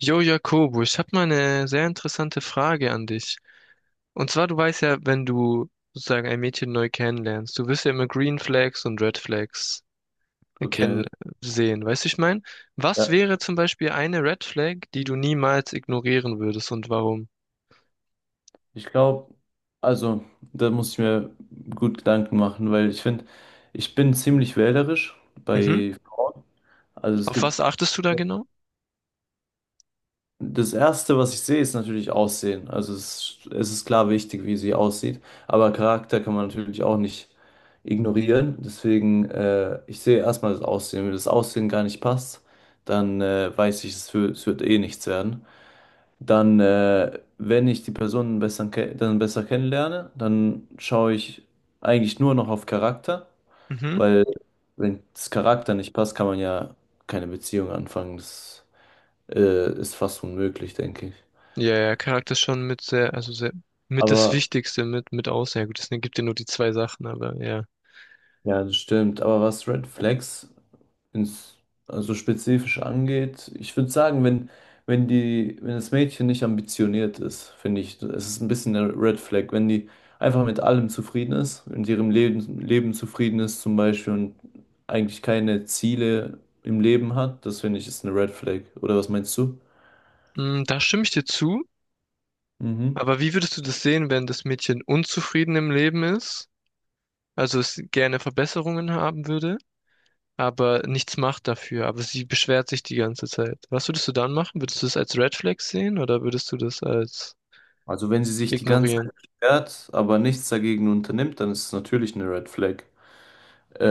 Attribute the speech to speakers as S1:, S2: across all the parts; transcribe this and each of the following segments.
S1: Jo, Jakobo, ich habe mal eine sehr interessante Frage an dich. Und zwar, du weißt ja, wenn du sozusagen ein Mädchen neu kennenlernst, du wirst ja immer Green Flags und Red Flags
S2: Okay,
S1: erkennen, sehen. Weißt du, ich mein, was
S2: ja.
S1: wäre zum Beispiel eine Red Flag, die du niemals ignorieren würdest und warum?
S2: Ich glaube, also da muss ich mir gut Gedanken machen, weil ich finde, ich bin ziemlich wählerisch
S1: Mhm.
S2: bei Frauen. Also es
S1: Auf was
S2: gibt,
S1: achtest du da genau?
S2: das Erste, was ich sehe, ist natürlich Aussehen. Also es ist klar wichtig, wie sie aussieht, aber Charakter kann man natürlich auch nicht ignorieren. Deswegen, ich sehe erstmal das Aussehen. Wenn das Aussehen gar nicht passt, dann weiß ich, es wird eh nichts werden. Dann, wenn ich die Person dann besser kennenlerne, dann schaue ich eigentlich nur noch auf Charakter, weil wenn das Charakter nicht passt, kann man ja keine Beziehung anfangen. Ist fast unmöglich, denke ich.
S1: Ja, ja, Charakter ist schon mit sehr, also sehr, mit das
S2: Aber
S1: Wichtigste mit aus. Ja, gut, es gibt ja nur die zwei Sachen, aber ja.
S2: ja, das stimmt. Aber was Red Flags? ins, also spezifisch angeht. Ich würde sagen, wenn die, wenn das Mädchen nicht ambitioniert ist, finde ich, es ist ein bisschen eine Red Flag. Wenn die einfach mit allem zufrieden ist, in ihrem Leben zufrieden ist zum Beispiel und eigentlich keine Ziele im Leben hat, das finde ich ist eine Red Flag. Oder was meinst du?
S1: Mm, da stimme ich dir zu.
S2: Mhm.
S1: Aber wie würdest du das sehen, wenn das Mädchen unzufrieden im Leben ist? Also es gerne Verbesserungen haben würde, aber nichts macht dafür. Aber sie beschwert sich die ganze Zeit. Was würdest du dann machen? Würdest du das als Red Flag sehen oder würdest du das als
S2: Also wenn sie sich die ganze
S1: ignorieren?
S2: Zeit beschwert, aber nichts dagegen unternimmt, dann ist es natürlich eine Red Flag.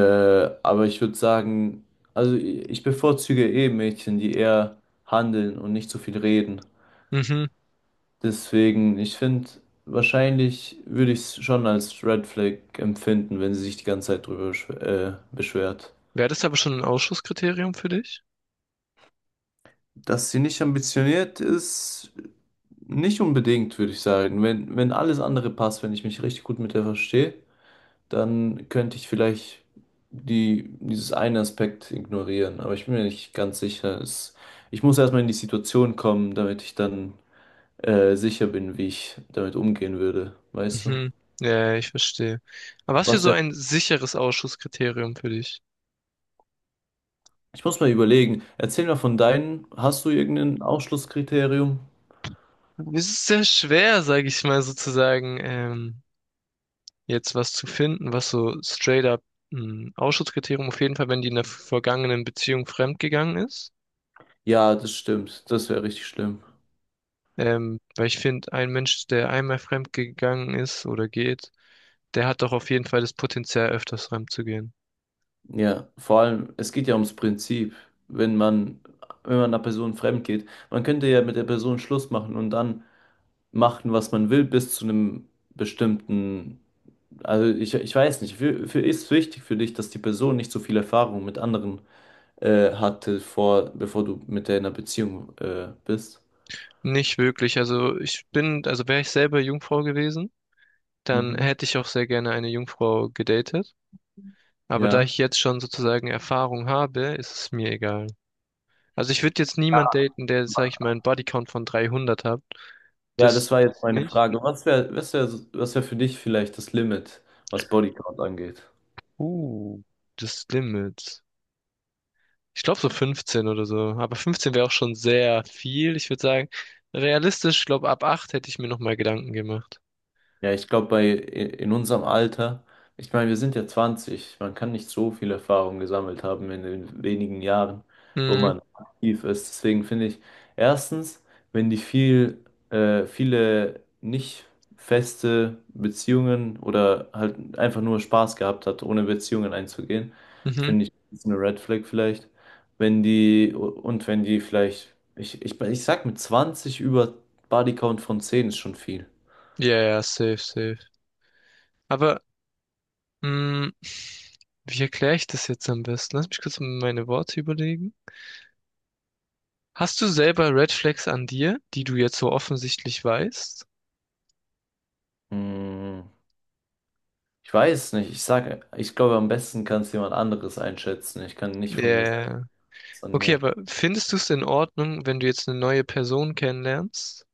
S2: Aber ich würde sagen, ich bevorzuge eh Mädchen, die eher handeln und nicht so viel reden.
S1: Mhm.
S2: Deswegen, ich finde, wahrscheinlich würde ich es schon als Red Flag empfinden, wenn sie sich die ganze Zeit drüber beschwert.
S1: Wäre das aber schon ein Ausschlusskriterium für dich?
S2: Dass sie nicht ambitioniert ist, nicht unbedingt, würde ich sagen. Wenn alles andere passt, wenn ich mich richtig gut mit der verstehe, dann könnte ich vielleicht dieses einen Aspekt ignorieren. Aber ich bin mir nicht ganz sicher. Ich muss erstmal in die Situation kommen, damit ich dann sicher bin, wie ich damit umgehen würde. Weißt du?
S1: Mhm. Ja, ich verstehe. Aber was für
S2: Was
S1: so
S2: wär?
S1: ein sicheres Ausschlusskriterium für dich?
S2: Ich muss mal überlegen. Erzähl mal von deinen. Hast du irgendein Ausschlusskriterium?
S1: Es ist sehr schwer, sage ich mal sozusagen, jetzt was zu finden, was so straight up ein Ausschlusskriterium, auf jeden Fall, wenn die in der vergangenen Beziehung fremdgegangen ist.
S2: Ja, das stimmt. Das wäre richtig schlimm.
S1: Weil ich finde, ein Mensch, der einmal fremd gegangen ist oder geht, der hat doch auf jeden Fall das Potenzial, öfters fremd zu gehen.
S2: Ja, vor allem, es geht ja ums Prinzip. Wenn man, wenn man einer Person fremd geht, man könnte ja mit der Person Schluss machen und dann machen, was man will, bis zu einem bestimmten. Also ich weiß nicht, ist wichtig für dich, dass die Person nicht so viel Erfahrung mit anderen hatte, bevor du mit der in einer Beziehung bist.
S1: Nicht wirklich. Also ich bin, also wäre ich selber Jungfrau gewesen, dann
S2: Mhm.
S1: hätte ich auch sehr gerne eine Jungfrau gedatet. Aber da
S2: Ja.
S1: ich jetzt schon sozusagen Erfahrung habe, ist es mir egal. Also ich würde jetzt niemand daten, der, sag ich mal, einen Bodycount von 300 hat.
S2: Ja,
S1: Das
S2: das war jetzt
S1: ist
S2: meine
S1: nicht.
S2: Frage. Was wäre für dich vielleicht das Limit, was Bodycount angeht?
S1: Uh, das Limit. Ich glaube so 15 oder so. Aber 15 wäre auch schon sehr viel. Ich würde sagen, realistisch, ich glaube, ab 8 hätte ich mir nochmal Gedanken gemacht.
S2: Ja, ich glaube, bei in unserem Alter, ich meine, wir sind ja 20, man kann nicht so viel Erfahrung gesammelt haben in den wenigen Jahren, wo
S1: Mhm,
S2: man aktiv ist. Deswegen finde ich, erstens, wenn die viel, viele nicht feste Beziehungen oder halt einfach nur Spaß gehabt hat, ohne Beziehungen einzugehen,
S1: mhm.
S2: finde ich, ist eine Red Flag vielleicht. Wenn die, und wenn die vielleicht, ich sag mit 20 über Bodycount von 10 ist schon viel.
S1: Ja, ja, safe, safe. Aber, mh, wie erkläre ich das jetzt am besten? Lass mich kurz meine Worte überlegen. Hast du selber Red Flags an dir, die du jetzt so offensichtlich weißt?
S2: Mm. Ich weiß nicht, ich sage, ich glaube, am besten kann es jemand anderes einschätzen. Ich kann nicht von mir sagen,
S1: Ja.
S2: es ist an
S1: Okay,
S2: mir.
S1: aber findest du es in Ordnung, wenn du jetzt eine neue Person kennenlernst,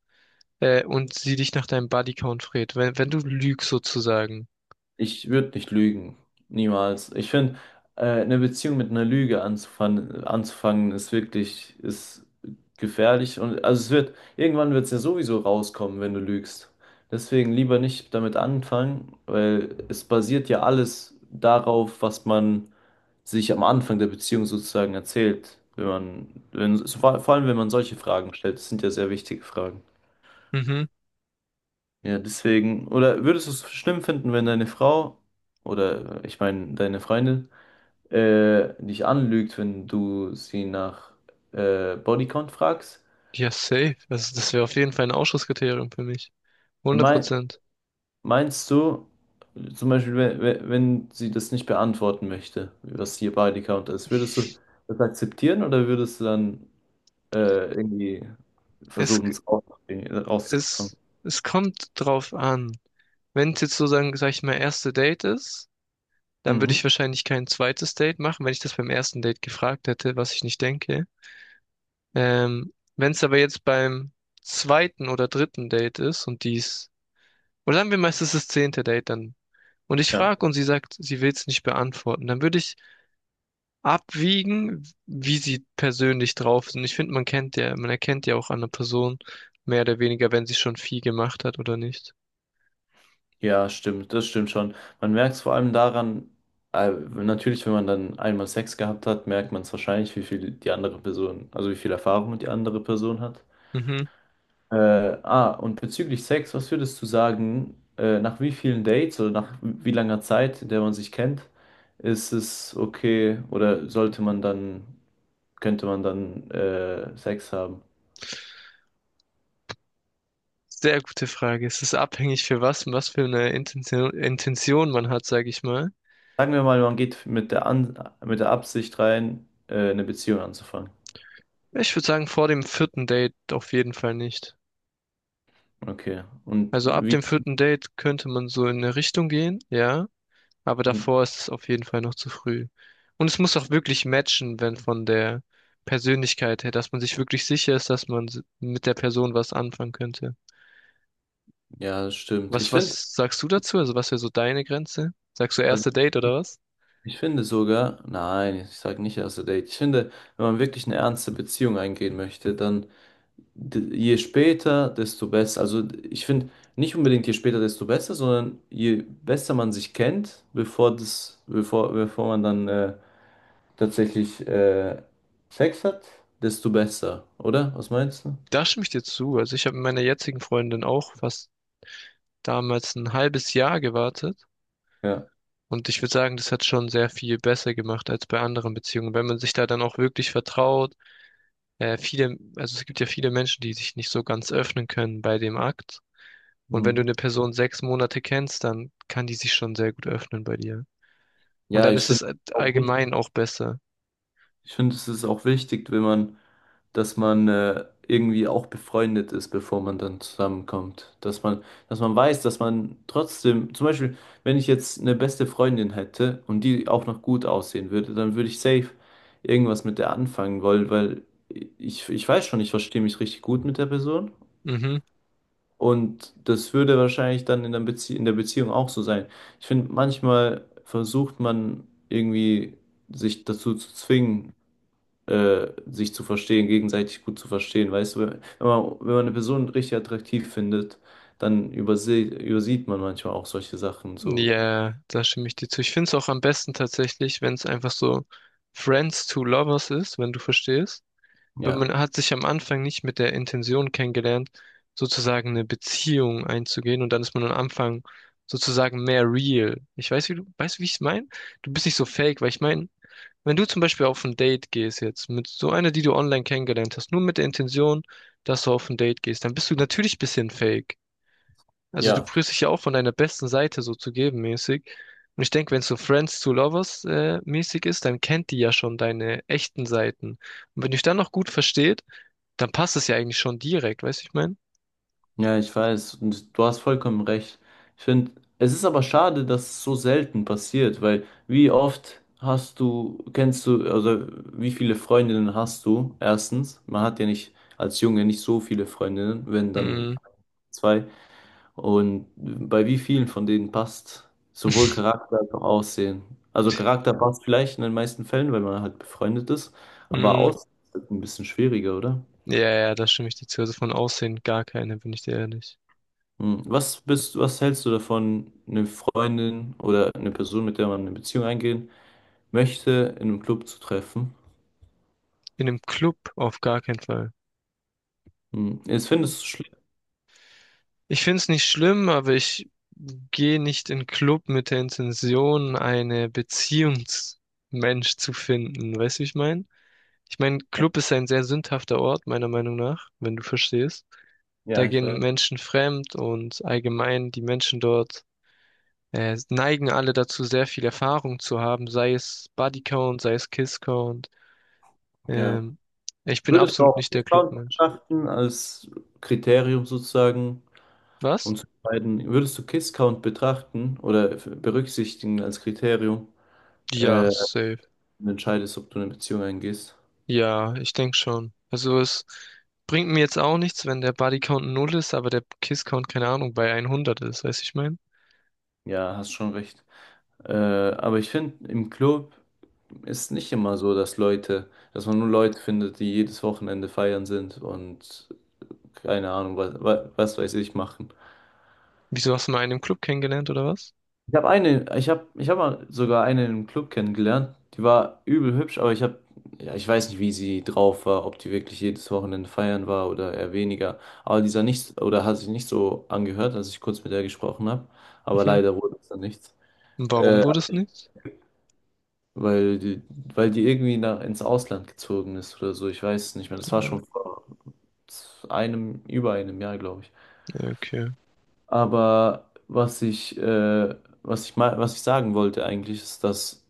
S1: und sie dich nach deinem Bodycount fragt, wenn, wenn du lügst sozusagen?
S2: Ich würde nicht lügen. Niemals. Ich finde, eine Beziehung mit einer Lüge anzufangen ist wirklich, ist gefährlich. Und also irgendwann wird es ja sowieso rauskommen, wenn du lügst. Deswegen lieber nicht damit anfangen, weil es basiert ja alles darauf, was man sich am Anfang der Beziehung sozusagen erzählt. Wenn man, wenn, so vor vor allem wenn man solche Fragen stellt, das sind ja sehr wichtige Fragen.
S1: Mhm.
S2: Ja, deswegen, oder würdest du es schlimm finden, wenn deine Frau oder ich meine deine Freundin dich anlügt, wenn du sie nach Bodycount fragst?
S1: Ja, safe. Also das wäre auf jeden Fall ein Ausschlusskriterium für mich.
S2: Und
S1: Hundert
S2: mein,
S1: Prozent.
S2: meinst du, zum Beispiel, wenn sie das nicht beantworten möchte, was ihr Bodycount ist, würdest du das akzeptieren oder würdest du dann irgendwie
S1: Es,
S2: versuchen, es rauszubekommen.
S1: es, es kommt drauf an. Wenn es jetzt sozusagen, sag ich mal, erste Date ist, dann würde ich
S2: Mhm.
S1: wahrscheinlich kein zweites Date machen, wenn ich das beim ersten Date gefragt hätte, was ich nicht denke. Wenn es aber jetzt beim zweiten oder dritten Date ist und dies oder sagen wir mal, es ist das zehnte Date dann. Und ich
S2: Ja.
S1: frage und sie sagt, sie will es nicht beantworten. Dann würde ich abwiegen, wie sie persönlich drauf sind. Ich finde, man kennt ja, man erkennt ja auch an einer Person mehr oder weniger, wenn sie schon viel gemacht hat oder nicht.
S2: Ja, stimmt, das stimmt schon. Man merkt es vor allem daran, natürlich, wenn man dann einmal Sex gehabt hat, merkt man es wahrscheinlich, wie viel die andere Person, also wie viel Erfahrung die andere Person hat.
S1: Mhm.
S2: Äh, und bezüglich Sex, was würdest du sagen, nach wie vielen Dates oder nach wie langer Zeit, in der man sich kennt, ist es okay oder sollte man dann könnte man dann Sex haben?
S1: Sehr gute Frage. Es ist abhängig für was und was für eine Intention man hat, sage ich mal.
S2: Sagen wir mal, man geht mit der Absicht rein, eine Beziehung anzufangen.
S1: Ich würde sagen, vor dem vierten Date auf jeden Fall nicht.
S2: Okay. Und
S1: Also ab
S2: wie?
S1: dem vierten Date könnte man so in eine Richtung gehen, ja. Aber
S2: Und
S1: davor ist es auf jeden Fall noch zu früh. Und es muss auch wirklich matchen, wenn von der Persönlichkeit her, dass man sich wirklich sicher ist, dass man mit der Person was anfangen könnte.
S2: ja, das stimmt.
S1: Was,
S2: Ich finde,
S1: was sagst du dazu? Also was wäre so deine Grenze? Sagst du
S2: also
S1: erste Date oder was?
S2: nein, ich sage nicht erste Date. Ich finde, wenn man wirklich eine ernste Beziehung eingehen möchte, dann je später, desto besser. Also ich finde nicht unbedingt je später, desto besser, sondern je besser man sich kennt, bevor man dann tatsächlich Sex hat, desto besser, oder? Was meinst du?
S1: Da stimme ich dir zu. Also ich habe mit meiner jetzigen Freundin auch fast damals ein halbes Jahr gewartet.
S2: Ja.
S1: Und ich würde sagen, das hat schon sehr viel besser gemacht als bei anderen Beziehungen. Wenn man sich da dann auch wirklich vertraut, viele, also es gibt ja viele Menschen, die sich nicht so ganz öffnen können bei dem Akt. Und wenn du
S2: Mhm.
S1: eine Person 6 Monate kennst, dann kann die sich schon sehr gut öffnen bei dir. Und
S2: Ja,
S1: dann
S2: ich
S1: ist
S2: finde
S1: es
S2: auch wichtig,
S1: allgemein auch besser.
S2: ich finde, es ist auch wichtig, wenn man, dass man irgendwie auch befreundet ist, bevor man dann zusammenkommt. Dass man weiß, dass man trotzdem, zum Beispiel, wenn ich jetzt eine beste Freundin hätte und die auch noch gut aussehen würde, dann würde ich safe irgendwas mit der anfangen wollen, weil ich weiß schon, ich verstehe mich richtig gut mit der Person.
S1: Mhm.
S2: Und das würde wahrscheinlich dann in der Beziehung auch so sein. Ich finde, manchmal versucht man irgendwie sich dazu zu zwingen, sich zu verstehen, gegenseitig gut zu verstehen. Weißt du, wenn man eine Person richtig attraktiv findet, dann überse übersieht man manchmal auch solche Sachen. So,
S1: Ja, da stimme ich dir zu. Ich finde es auch am besten tatsächlich, wenn es einfach so Friends to Lovers ist, wenn du verstehst. Weil
S2: ja.
S1: man hat sich am Anfang nicht mit der Intention kennengelernt, sozusagen eine Beziehung einzugehen. Und dann ist man am Anfang sozusagen mehr real. Ich weiß, wie du, weißt du, wie ich es meine? Du bist nicht so fake, weil ich meine, wenn du zum Beispiel auf ein Date gehst jetzt mit so einer, die du online kennengelernt hast, nur mit der Intention, dass du auf ein Date gehst, dann bist du natürlich ein bisschen fake. Also du
S2: Ja.
S1: prüfst dich ja auch von deiner besten Seite so zu geben mäßig. Und ich denke, wenn es so Friends to Lovers mäßig ist, dann kennt die ja schon deine echten Seiten. Und wenn dich dann noch gut versteht, dann passt es ja eigentlich schon direkt, weißt du, ich meine?
S2: Ja, ich weiß. Und du hast vollkommen recht. Ich finde, es ist aber schade, dass es so selten passiert, weil wie oft hast du, kennst du, also wie viele Freundinnen hast du? Erstens, man hat ja nicht als Junge nicht so viele Freundinnen, wenn dann
S1: Mm,
S2: zwei. Und bei wie vielen von denen passt sowohl Charakter als auch Aussehen? Also Charakter passt vielleicht in den meisten Fällen, weil man halt befreundet ist, aber
S1: mm,
S2: Aussehen ist ein bisschen schwieriger, oder?
S1: ja, ja, da stimme ich dir zu. Also von Aussehen gar keine, bin ich dir ehrlich.
S2: Hm, was bist, was hältst du davon, eine Freundin oder eine Person, mit der man eine Beziehung eingehen möchte, in einem Club zu treffen?
S1: In einem Club auf gar keinen Fall.
S2: Hm, jetzt findest du es schlimm.
S1: Ich finde es nicht schlimm, aber ich gehe nicht in Club mit der Intention, eine Beziehungsmensch zu finden. Weißt du, wie ich meine? Ich meine, Club ist ein sehr sündhafter Ort, meiner Meinung nach, wenn du verstehst.
S2: Ja,
S1: Da
S2: ich
S1: gehen
S2: weiß.
S1: Menschen fremd und allgemein die Menschen dort neigen alle dazu, sehr viel Erfahrung zu haben, sei es Bodycount, sei es Kisscount.
S2: Ja.
S1: Ähm, ich bin
S2: Würdest du
S1: absolut
S2: auch
S1: nicht der
S2: Kiss-Count
S1: Clubmensch.
S2: betrachten als Kriterium sozusagen,
S1: Was?
S2: um zu entscheiden, würdest du Kiss-Count betrachten oder berücksichtigen als Kriterium, äh,
S1: Ja, safe.
S2: wenn du entscheidest, ob du eine Beziehung eingehst?
S1: Ja, ich denke schon. Also es bringt mir jetzt auch nichts, wenn der Bodycount null ist, aber der Kisscount, keine Ahnung, bei 100 ist, weiß ich mein.
S2: Ja, hast schon recht. Aber ich finde, im Club ist nicht immer so, dass Leute, dass man nur Leute findet, die jedes Wochenende feiern sind und keine Ahnung, was weiß ich machen.
S1: Wieso hast du mal einen im Club kennengelernt oder was?
S2: Ich habe mal sogar eine im Club kennengelernt. Die war übel hübsch, aber ja, ich weiß nicht, wie sie drauf war, ob die wirklich jedes Wochenende feiern war oder eher weniger. Aber die sah nicht, oder hat sich nicht so angehört, als ich kurz mit der gesprochen habe. Aber
S1: Mhm.
S2: leider wurde es dann nichts.
S1: Und warum
S2: Äh,
S1: wurde es nichts?
S2: weil die irgendwie ins Ausland gezogen ist oder so. Ich weiß es nicht mehr. Das war
S1: Ja,
S2: schon vor über einem Jahr, glaube ich.
S1: ja, okay.
S2: Aber was ich sagen wollte eigentlich, ist, dass,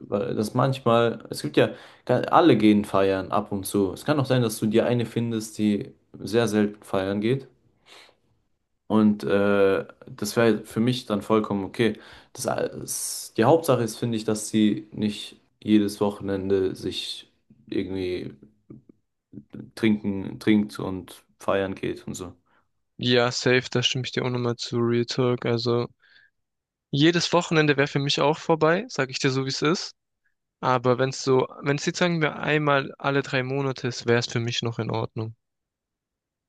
S2: weil- dass manchmal, es gibt ja, ga- alle gehen feiern ab und zu. Es kann auch sein, dass du dir eine findest, die sehr selten feiern geht. Und das wäre für mich dann vollkommen okay. Die Hauptsache ist, finde ich, dass sie nicht jedes Wochenende sich irgendwie trinkt und feiern geht und so.
S1: Ja, safe, da stimme ich dir auch nochmal zu Real Talk. Also jedes Wochenende wäre für mich auch vorbei, sag ich dir so, wie es ist. Aber wenn es so, wenn es jetzt sagen wir einmal alle 3 Monate ist, wäre es für mich noch in Ordnung.